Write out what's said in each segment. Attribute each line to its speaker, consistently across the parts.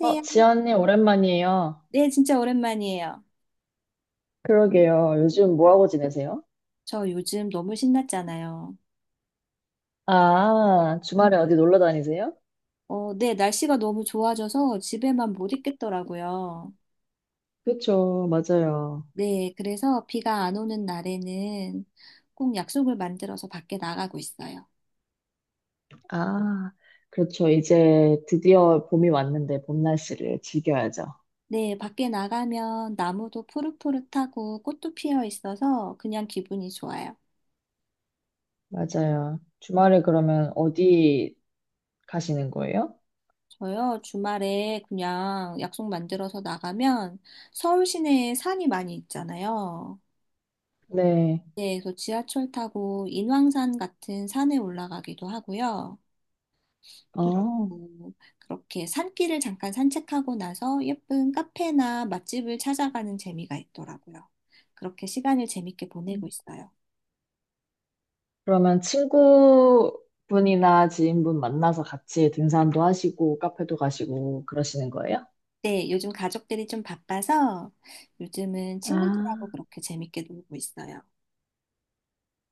Speaker 1: 어, 지연님, 오랜만이에요.
Speaker 2: 네, 진짜 오랜만이에요.
Speaker 1: 그러게요. 요즘 뭐하고 지내세요?
Speaker 2: 저 요즘 너무 신났잖아요.
Speaker 1: 아, 주말에 어디 놀러 다니세요?
Speaker 2: 네, 날씨가 너무 좋아져서 집에만 못 있겠더라고요.
Speaker 1: 그렇죠. 맞아요.
Speaker 2: 네, 그래서 비가 안 오는 날에는 꼭 약속을 만들어서 밖에 나가고 있어요.
Speaker 1: 아, 그렇죠. 이제 드디어 봄이 왔는데 봄 날씨를 즐겨야죠.
Speaker 2: 네, 밖에 나가면 나무도 푸릇푸릇하고 꽃도 피어 있어서 그냥 기분이 좋아요.
Speaker 1: 맞아요. 주말에 그러면 어디 가시는 거예요?
Speaker 2: 저요, 주말에 그냥 약속 만들어서 나가면 서울 시내에 산이 많이 있잖아요.
Speaker 1: 네.
Speaker 2: 네, 그래서 지하철 타고 인왕산 같은 산에 올라가기도 하고요.
Speaker 1: 어,
Speaker 2: 그리고 그렇게 산길을 잠깐 산책하고 나서 예쁜 카페나 맛집을 찾아가는 재미가 있더라고요. 그렇게 시간을 재밌게 보내고 있어요.
Speaker 1: 그러면 친구분이나 지인분 만나서 같이 등산도 하시고 카페도 가시고 그러시는 거예요?
Speaker 2: 네, 요즘 가족들이 좀 바빠서 요즘은 친구들하고
Speaker 1: 아.
Speaker 2: 그렇게 재밌게 놀고 있어요.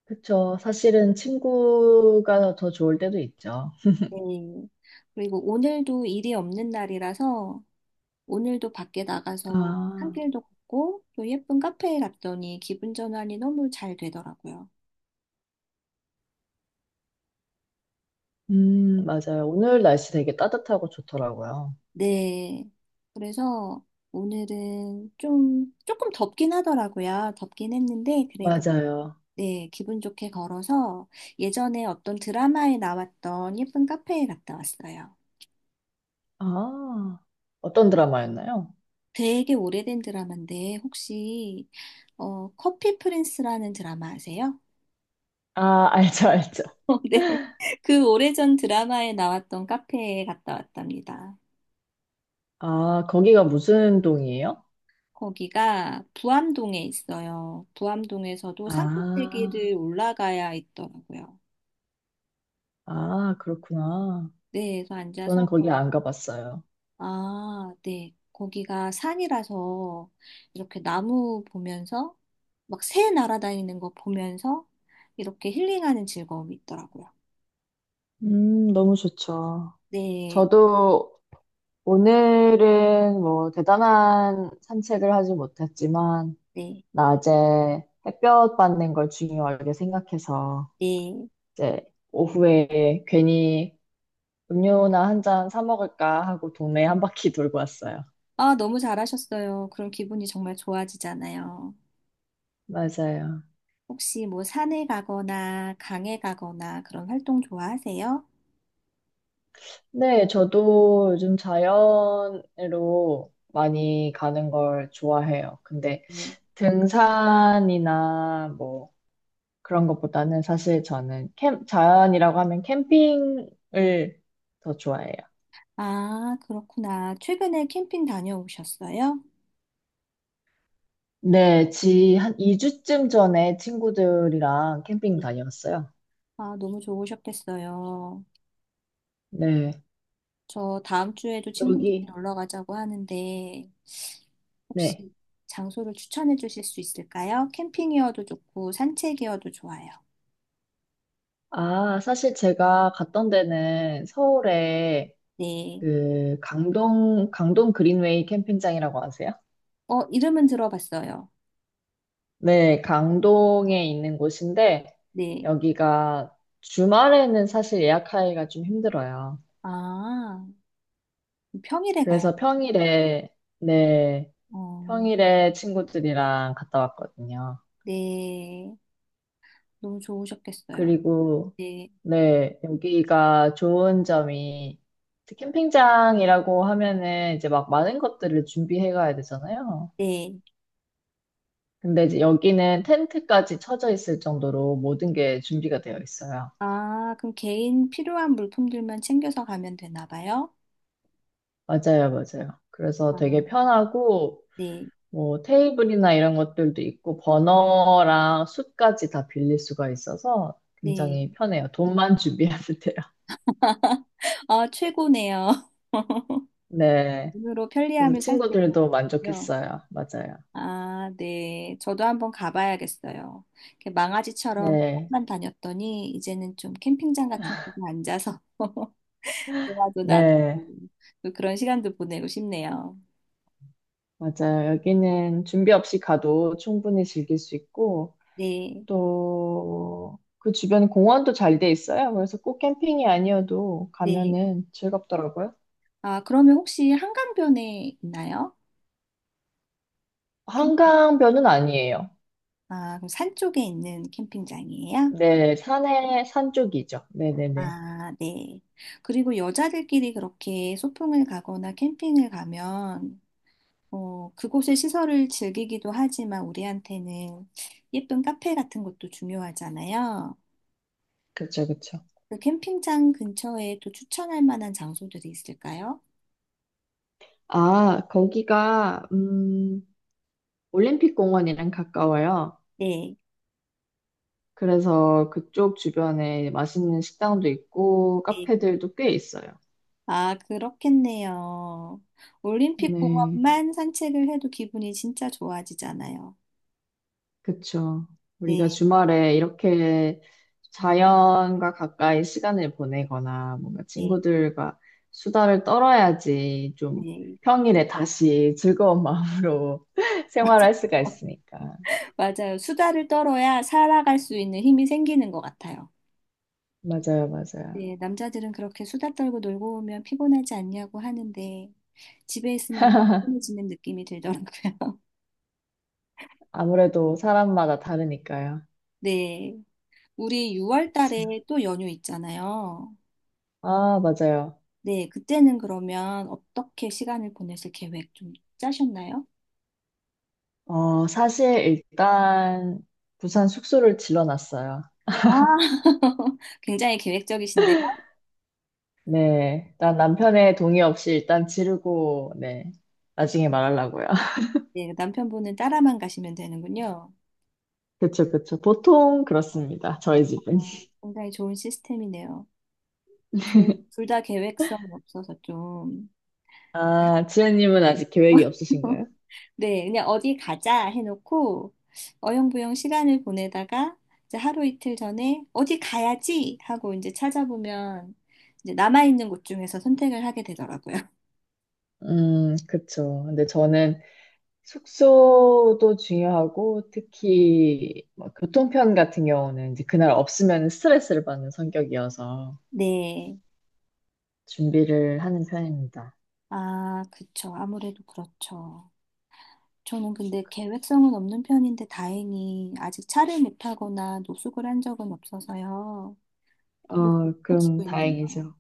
Speaker 1: 그쵸. 사실은 친구가 더 좋을 때도 있죠.
Speaker 2: 네. 그리고 오늘도 일이 없는 날이라서 오늘도 밖에 나가서
Speaker 1: 아,
Speaker 2: 산길도 걷고 또 예쁜 카페에 갔더니 기분 전환이 너무 잘 되더라고요.
Speaker 1: 맞아요. 오늘 날씨 되게 따뜻하고 좋더라고요.
Speaker 2: 네. 그래서 오늘은 좀 조금 덥긴 하더라고요. 덥긴 했는데 그래도
Speaker 1: 맞아요.
Speaker 2: 네, 기분 좋게 걸어서 예전에 어떤 드라마에 나왔던 예쁜 카페에 갔다 왔어요.
Speaker 1: 아, 어떤 드라마였나요?
Speaker 2: 되게 오래된 드라마인데 혹시 커피 프린스라는 드라마 아세요?
Speaker 1: 아, 알죠, 알죠.
Speaker 2: 네. 그 오래전 드라마에 나왔던 카페에 갔다 왔답니다.
Speaker 1: 아, 거기가 무슨 동이에요?
Speaker 2: 거기가 부암동에 있어요. 부암동에서도
Speaker 1: 아,
Speaker 2: 상급대기를 올라가야 있더라고요.
Speaker 1: 아, 그렇구나.
Speaker 2: 네, 그래서 앉아서,
Speaker 1: 저는 거기 안 가봤어요.
Speaker 2: 아, 네, 거기가 산이라서 이렇게 나무 보면서 막 새 날아다니는 거 보면서 이렇게 힐링하는 즐거움이 있더라고요.
Speaker 1: 너무 좋죠.
Speaker 2: 네,
Speaker 1: 저도 오늘은 뭐 대단한 산책을 하지 못했지만,
Speaker 2: 네,
Speaker 1: 낮에 햇볕 받는 걸 중요하게 생각해서
Speaker 2: 네.
Speaker 1: 이제 오후에 괜히 음료나 한 잔 사 먹을까 하고 동네 한 바퀴 돌고 왔어요.
Speaker 2: 아, 너무 잘하셨어요. 그럼 기분이 정말 좋아지잖아요.
Speaker 1: 맞아요.
Speaker 2: 혹시 뭐 산에 가거나 강에 가거나 그런 활동 좋아하세요?
Speaker 1: 네, 저도 요즘 자연으로 많이 가는 걸 좋아해요. 근데
Speaker 2: 네.
Speaker 1: 등산이나 뭐 그런 것보다는 사실 저는 자연이라고 하면 캠핑을 더 좋아해요.
Speaker 2: 아, 그렇구나. 최근에 캠핑 다녀오셨어요?
Speaker 1: 네, 지 한 2주쯤 전에 친구들이랑 캠핑
Speaker 2: 네.
Speaker 1: 다녀왔어요.
Speaker 2: 아, 너무 좋으셨겠어요.
Speaker 1: 네,
Speaker 2: 저 다음 주에도 친구들이
Speaker 1: 여기,
Speaker 2: 놀러 가자고 하는데,
Speaker 1: 네.
Speaker 2: 혹시 장소를 추천해 주실 수 있을까요? 캠핑이어도 좋고, 산책이어도 좋아요.
Speaker 1: 아, 사실 제가 갔던 데는 서울에
Speaker 2: 네.
Speaker 1: 그 강동 그린웨이 캠핑장이라고 아세요?
Speaker 2: 이름은 들어봤어요.
Speaker 1: 네, 강동에 있는 곳인데
Speaker 2: 네.
Speaker 1: 여기가 주말에는 사실 예약하기가 좀 힘들어요.
Speaker 2: 아, 평일에 가요.
Speaker 1: 그래서 평일에, 네,
Speaker 2: 어,
Speaker 1: 평일에 친구들이랑 갔다 왔거든요.
Speaker 2: 네. 너무 좋으셨겠어요.
Speaker 1: 그리고,
Speaker 2: 네.
Speaker 1: 네, 여기가 좋은 점이, 이제 캠핑장이라고 하면은 이제 막 많은 것들을 준비해 가야 되잖아요.
Speaker 2: 네.
Speaker 1: 근데 이제 여기는 텐트까지 쳐져 있을 정도로 모든 게 준비가 되어 있어요.
Speaker 2: 아, 그럼 개인 필요한 물품들만 챙겨서 가면 되나 봐요?
Speaker 1: 맞아요, 맞아요. 그래서
Speaker 2: 아,
Speaker 1: 되게 편하고,
Speaker 2: 네,
Speaker 1: 뭐 테이블이나 이런 것들도 있고, 버너랑 숯까지 다 빌릴 수가 있어서
Speaker 2: 네.
Speaker 1: 굉장히 편해요. 돈만 준비하면 돼요.
Speaker 2: 아, 최고네요.
Speaker 1: 네.
Speaker 2: 눈으로
Speaker 1: 그래서
Speaker 2: 편리함을 살 수 있는
Speaker 1: 친구들도
Speaker 2: 거요.
Speaker 1: 만족했어요. 맞아요.
Speaker 2: 아, 네. 저도 한번 가봐야겠어요. 이렇게 망아지처럼
Speaker 1: 네.
Speaker 2: 캠만 다녔더니 이제는 좀 캠핑장 같은 곳에 앉아서 대화도 나누고
Speaker 1: 네,
Speaker 2: 또 그런 시간도 보내고 싶네요.
Speaker 1: 맞아요. 여기는 준비 없이 가도 충분히 즐길 수 있고,
Speaker 2: 네,
Speaker 1: 또 그 주변에 공원도 잘 돼 있어요. 그래서 꼭 캠핑이 아니어도
Speaker 2: 네.
Speaker 1: 가면은 즐겁더라고요.
Speaker 2: 아, 그러면 혹시 한강변에 있나요? 캠-
Speaker 1: 한강변은 아니에요.
Speaker 2: 아, 그럼 산 쪽에 있는 캠핑장이에요?
Speaker 1: 네, 산에, 산 쪽이죠. 네네네.
Speaker 2: 아, 네. 그리고 여자들끼리 그렇게 소풍을 가거나 캠핑을 가면, 그곳의 시설을 즐기기도 하지만 우리한테는 예쁜 카페 같은 것도 중요하잖아요.
Speaker 1: 그쵸, 그쵸.
Speaker 2: 그 캠핑장 근처에 또 추천할 만한 장소들이 있을까요?
Speaker 1: 아, 거기가, 올림픽 공원이랑 가까워요.
Speaker 2: 네.
Speaker 1: 그래서 그쪽 주변에 맛있는 식당도 있고,
Speaker 2: 네.
Speaker 1: 카페들도 꽤 있어요.
Speaker 2: 아, 그렇겠네요. 올림픽
Speaker 1: 네.
Speaker 2: 공원만 산책을 해도 기분이 진짜 좋아지잖아요.
Speaker 1: 그쵸. 우리가
Speaker 2: 네,
Speaker 1: 주말에 이렇게 자연과 가까이 시간을 보내거나 뭔가
Speaker 2: 네,
Speaker 1: 친구들과 수다를 떨어야지 좀
Speaker 2: 네.
Speaker 1: 평일에 다시 즐거운 마음으로 생활할 수가
Speaker 2: 맞아요.
Speaker 1: 있으니까.
Speaker 2: 맞아요. 수다를 떨어야 살아갈 수 있는 힘이 생기는 것 같아요.
Speaker 1: 맞아요, 맞아요.
Speaker 2: 네, 남자들은 그렇게 수다 떨고 놀고 오면 피곤하지 않냐고 하는데 집에 있으면 더 피곤해지는 느낌이 들더라고요.
Speaker 1: 아무래도 사람마다 다르니까요.
Speaker 2: 네, 우리 6월 달에
Speaker 1: 참.
Speaker 2: 또 연휴 있잖아요.
Speaker 1: 아, 맞아요.
Speaker 2: 네, 그때는 그러면 어떻게 시간을 보내실 계획 좀 짜셨나요?
Speaker 1: 어, 사실 일단 부산 숙소를 질러놨어요.
Speaker 2: 아, 굉장히 계획적이신데
Speaker 1: 네. 난 남편의 동의 없이 일단 지르고, 네. 나중에 말하려고요.
Speaker 2: 네, 남편분은 따라만 가시면 되는군요.
Speaker 1: 그쵸, 그쵸. 보통 그렇습니다. 저희 집은.
Speaker 2: 아, 굉장히 좋은 시스템이네요. 저희 둘 다 계획성이 없어서 좀.
Speaker 1: 아, 지연님은 아직 계획이 없으신가요?
Speaker 2: 네, 그냥 어디 가자 해놓고 어영부영 시간을 보내다가 이제 하루 이틀 전에 어디 가야지 하고 이제 찾아보면 이제 남아있는 곳 중에서 선택을 하게 되더라고요.
Speaker 1: 그쵸. 근데 저는 숙소도 중요하고, 특히 뭐 교통편 같은 경우는 이제 그날 없으면 스트레스를 받는 성격이어서
Speaker 2: 네.
Speaker 1: 준비를 하는 편입니다.
Speaker 2: 아, 그쵸. 아무래도 그렇죠. 저는 근데 계획성은 없는 편인데 다행히 아직 차를 못 타거나 노숙을 한 적은 없어서요. 버릇을 못
Speaker 1: 어, 그럼
Speaker 2: 고치고 있네요.
Speaker 1: 다행이죠.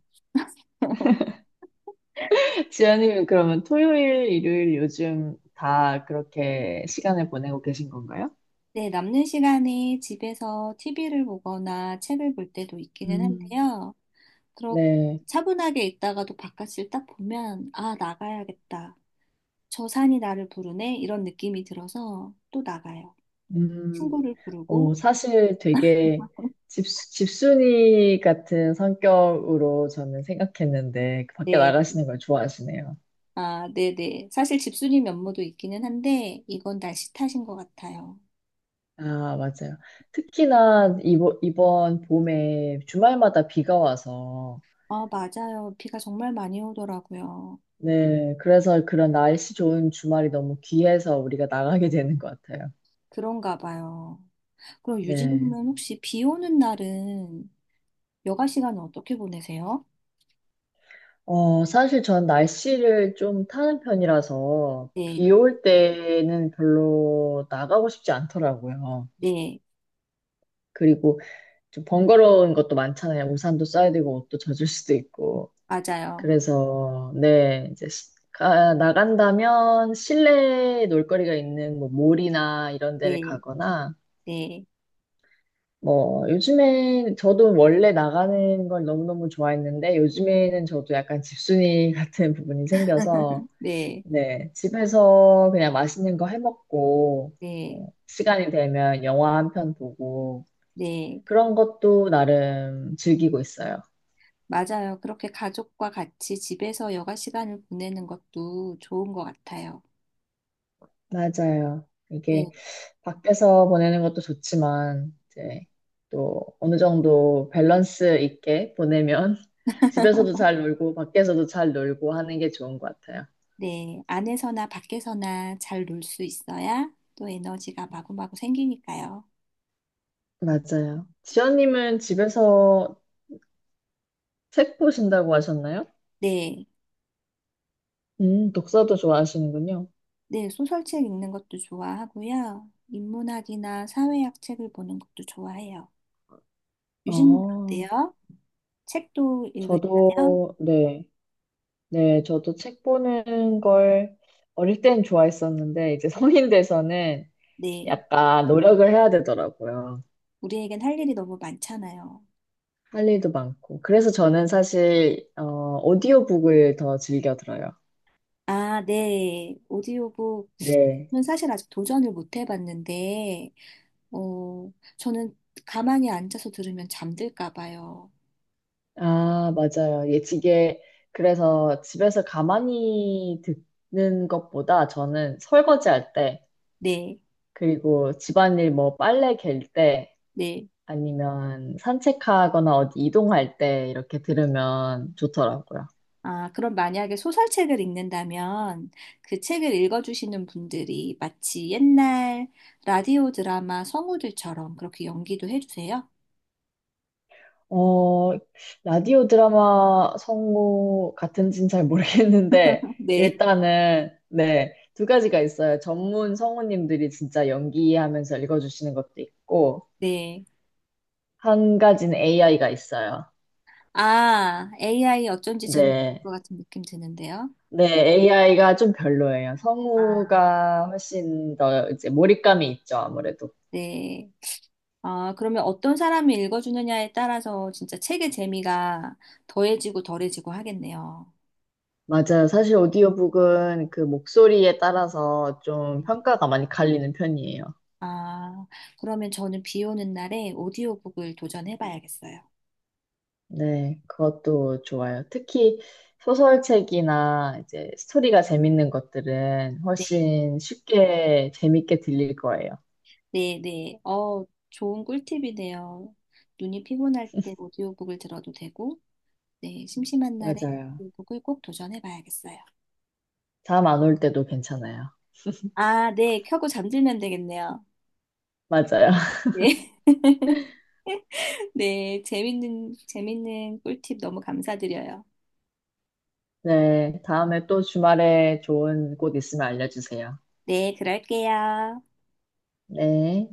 Speaker 1: 지연님은 그러면 토요일, 일요일 요즘 다 그렇게 시간을 보내고 계신 건가요?
Speaker 2: 네, 남는 시간에 집에서 TV를 보거나 책을 볼 때도 있기는
Speaker 1: 음,
Speaker 2: 한데요. 그렇
Speaker 1: 네.
Speaker 2: 차분하게 있다가도 바깥을 딱 보면, 아, 나가야겠다. 저 산이 나를 부르네. 이런 느낌이 들어서 또 나가요.
Speaker 1: 음.
Speaker 2: 친구를
Speaker 1: 어,
Speaker 2: 부르고,
Speaker 1: 사실 되게 집순이 같은 성격으로 저는 생각했는데 그 밖에
Speaker 2: 네,
Speaker 1: 나가시는 걸 좋아하시네요.
Speaker 2: 아, 네네. 사실 집수님 면모도 있기는 한데, 이건 날씨 탓인 것 같아요.
Speaker 1: 아, 맞아요. 특히나 이번 봄에 주말마다 비가 와서
Speaker 2: 아, 맞아요. 비가 정말 많이 오더라고요.
Speaker 1: 네, 그래서 그런 날씨 좋은 주말이 너무 귀해서 우리가 나가게 되는 것 같아요.
Speaker 2: 그런가 봐요. 그럼
Speaker 1: 네.
Speaker 2: 유진님은 혹시 비 오는 날은 여가 시간은 어떻게 보내세요?
Speaker 1: 어, 사실 전 날씨를 좀 타는 편이라서
Speaker 2: 네,
Speaker 1: 비 올 때는 별로 나가고 싶지 않더라고요.
Speaker 2: 네,
Speaker 1: 그리고 좀 번거로운 것도 많잖아요. 우산도 써야 되고 옷도 젖을 수도 있고.
Speaker 2: 맞아요.
Speaker 1: 그래서 네, 이제 나간다면 실내 놀거리가 있는 뭐 몰이나 이런 데를
Speaker 2: 네,
Speaker 1: 가거나
Speaker 2: 네,
Speaker 1: 뭐 요즘에 저도 원래 나가는 걸 너무너무 좋아했는데 요즘에는 저도 약간 집순이 같은 부분이 생겨서
Speaker 2: 네,
Speaker 1: 네, 집에서 그냥 맛있는 거 해 먹고
Speaker 2: 네,
Speaker 1: 뭐 시간이 되면 영화 한 편 보고
Speaker 2: 네,
Speaker 1: 그런 것도 나름 즐기고 있어요.
Speaker 2: 맞아요. 그렇게 가족과 같이 집에서 여가 시간을 보내는 것도 좋은 것 같아요.
Speaker 1: 맞아요.
Speaker 2: 네,
Speaker 1: 이게 밖에서 보내는 것도 좋지만, 이제 또 어느 정도 밸런스 있게 보내면 집에서도 잘 놀고, 밖에서도 잘 놀고 하는 게 좋은 것 같아요.
Speaker 2: 네, 안에서나 밖에서나 잘 놀 수 있어야 또 에너지가 마구마구 생기니까요.
Speaker 1: 맞아요. 지연님은 집에서 책 보신다고 하셨나요?
Speaker 2: 네,
Speaker 1: 독서도 좋아하시는군요.
Speaker 2: 네, 소설책 읽는 것도 좋아하고요. 인문학이나 사회학 책을 보는 것도 좋아해요. 유진님
Speaker 1: 어,
Speaker 2: 어때요? 책도 읽으시나요?
Speaker 1: 저도, 네. 네, 저도 책 보는 걸 어릴 땐 좋아했었는데, 이제 성인 돼서는
Speaker 2: 네.
Speaker 1: 약간 노력을 해야 되더라고요.
Speaker 2: 우리에겐 할 일이 너무 많잖아요.
Speaker 1: 할 일도 많고. 그래서 저는 사실, 오디오북을 더 즐겨 들어요.
Speaker 2: 아, 네.
Speaker 1: 네.
Speaker 2: 오디오북은 사실 아직 도전을 못 해봤는데, 어, 저는 가만히 앉아서 들으면 잠들까 봐요.
Speaker 1: 아, 맞아요. 예, 이게, 그래서 집에서 가만히 듣는 것보다 저는 설거지 할 때,
Speaker 2: 네,
Speaker 1: 그리고 집안일 뭐 빨래 갤 때,
Speaker 2: 네.
Speaker 1: 아니면 산책하거나 어디 이동할 때 이렇게 들으면 좋더라고요.
Speaker 2: 아, 그럼 만약에 소설책을 읽는다면 그 책을 읽어주시는 분들이 마치 옛날 라디오 드라마 성우들처럼 그렇게 연기도 해주세요?
Speaker 1: 어, 라디오 드라마 성우 같은지는 잘 모르겠는데,
Speaker 2: 네,
Speaker 1: 일단은, 네, 두 가지가 있어요. 전문 성우님들이 진짜 연기하면서 읽어주시는 것도 있고,
Speaker 2: 네.
Speaker 1: 한 가지는 AI가 있어요.
Speaker 2: 아, AI 어쩐지 재밌을
Speaker 1: 네.
Speaker 2: 것 같은 느낌 드는데요.
Speaker 1: 네, AI가 좀 별로예요.
Speaker 2: 아,
Speaker 1: 성우가 훨씬 더 이제 몰입감이 있죠, 아무래도.
Speaker 2: 네. 아, 그러면 어떤 사람이 읽어주느냐에 따라서 진짜 책의 재미가 더해지고 덜해지고 하겠네요.
Speaker 1: 맞아요. 사실 오디오북은 그 목소리에 따라서 좀 평가가 많이 갈리는 편이에요.
Speaker 2: 아, 그러면 저는 비 오는 날에 오디오북을 도전해봐야겠어요.
Speaker 1: 네, 그것도 좋아요. 특히 소설책이나 이제 스토리가 재밌는 것들은
Speaker 2: 네,
Speaker 1: 훨씬 쉽게 재밌게 들릴 거예요.
Speaker 2: 네, 네. 좋은 꿀팁이네요. 눈이 피곤할 때 오디오북을 들어도 되고, 네, 심심한 날에
Speaker 1: 맞아요.
Speaker 2: 오디오북을 꼭 도전해봐야겠어요.
Speaker 1: 잠 안 올 때도 괜찮아요.
Speaker 2: 아, 네, 켜고 잠들면 되겠네요.
Speaker 1: 맞아요.
Speaker 2: 네, 네, 재밌는 꿀팁 너무 감사드려요.
Speaker 1: 네, 다음에 또 주말에 좋은 곳 있으면 알려주세요.
Speaker 2: 네, 그럴게요.
Speaker 1: 네.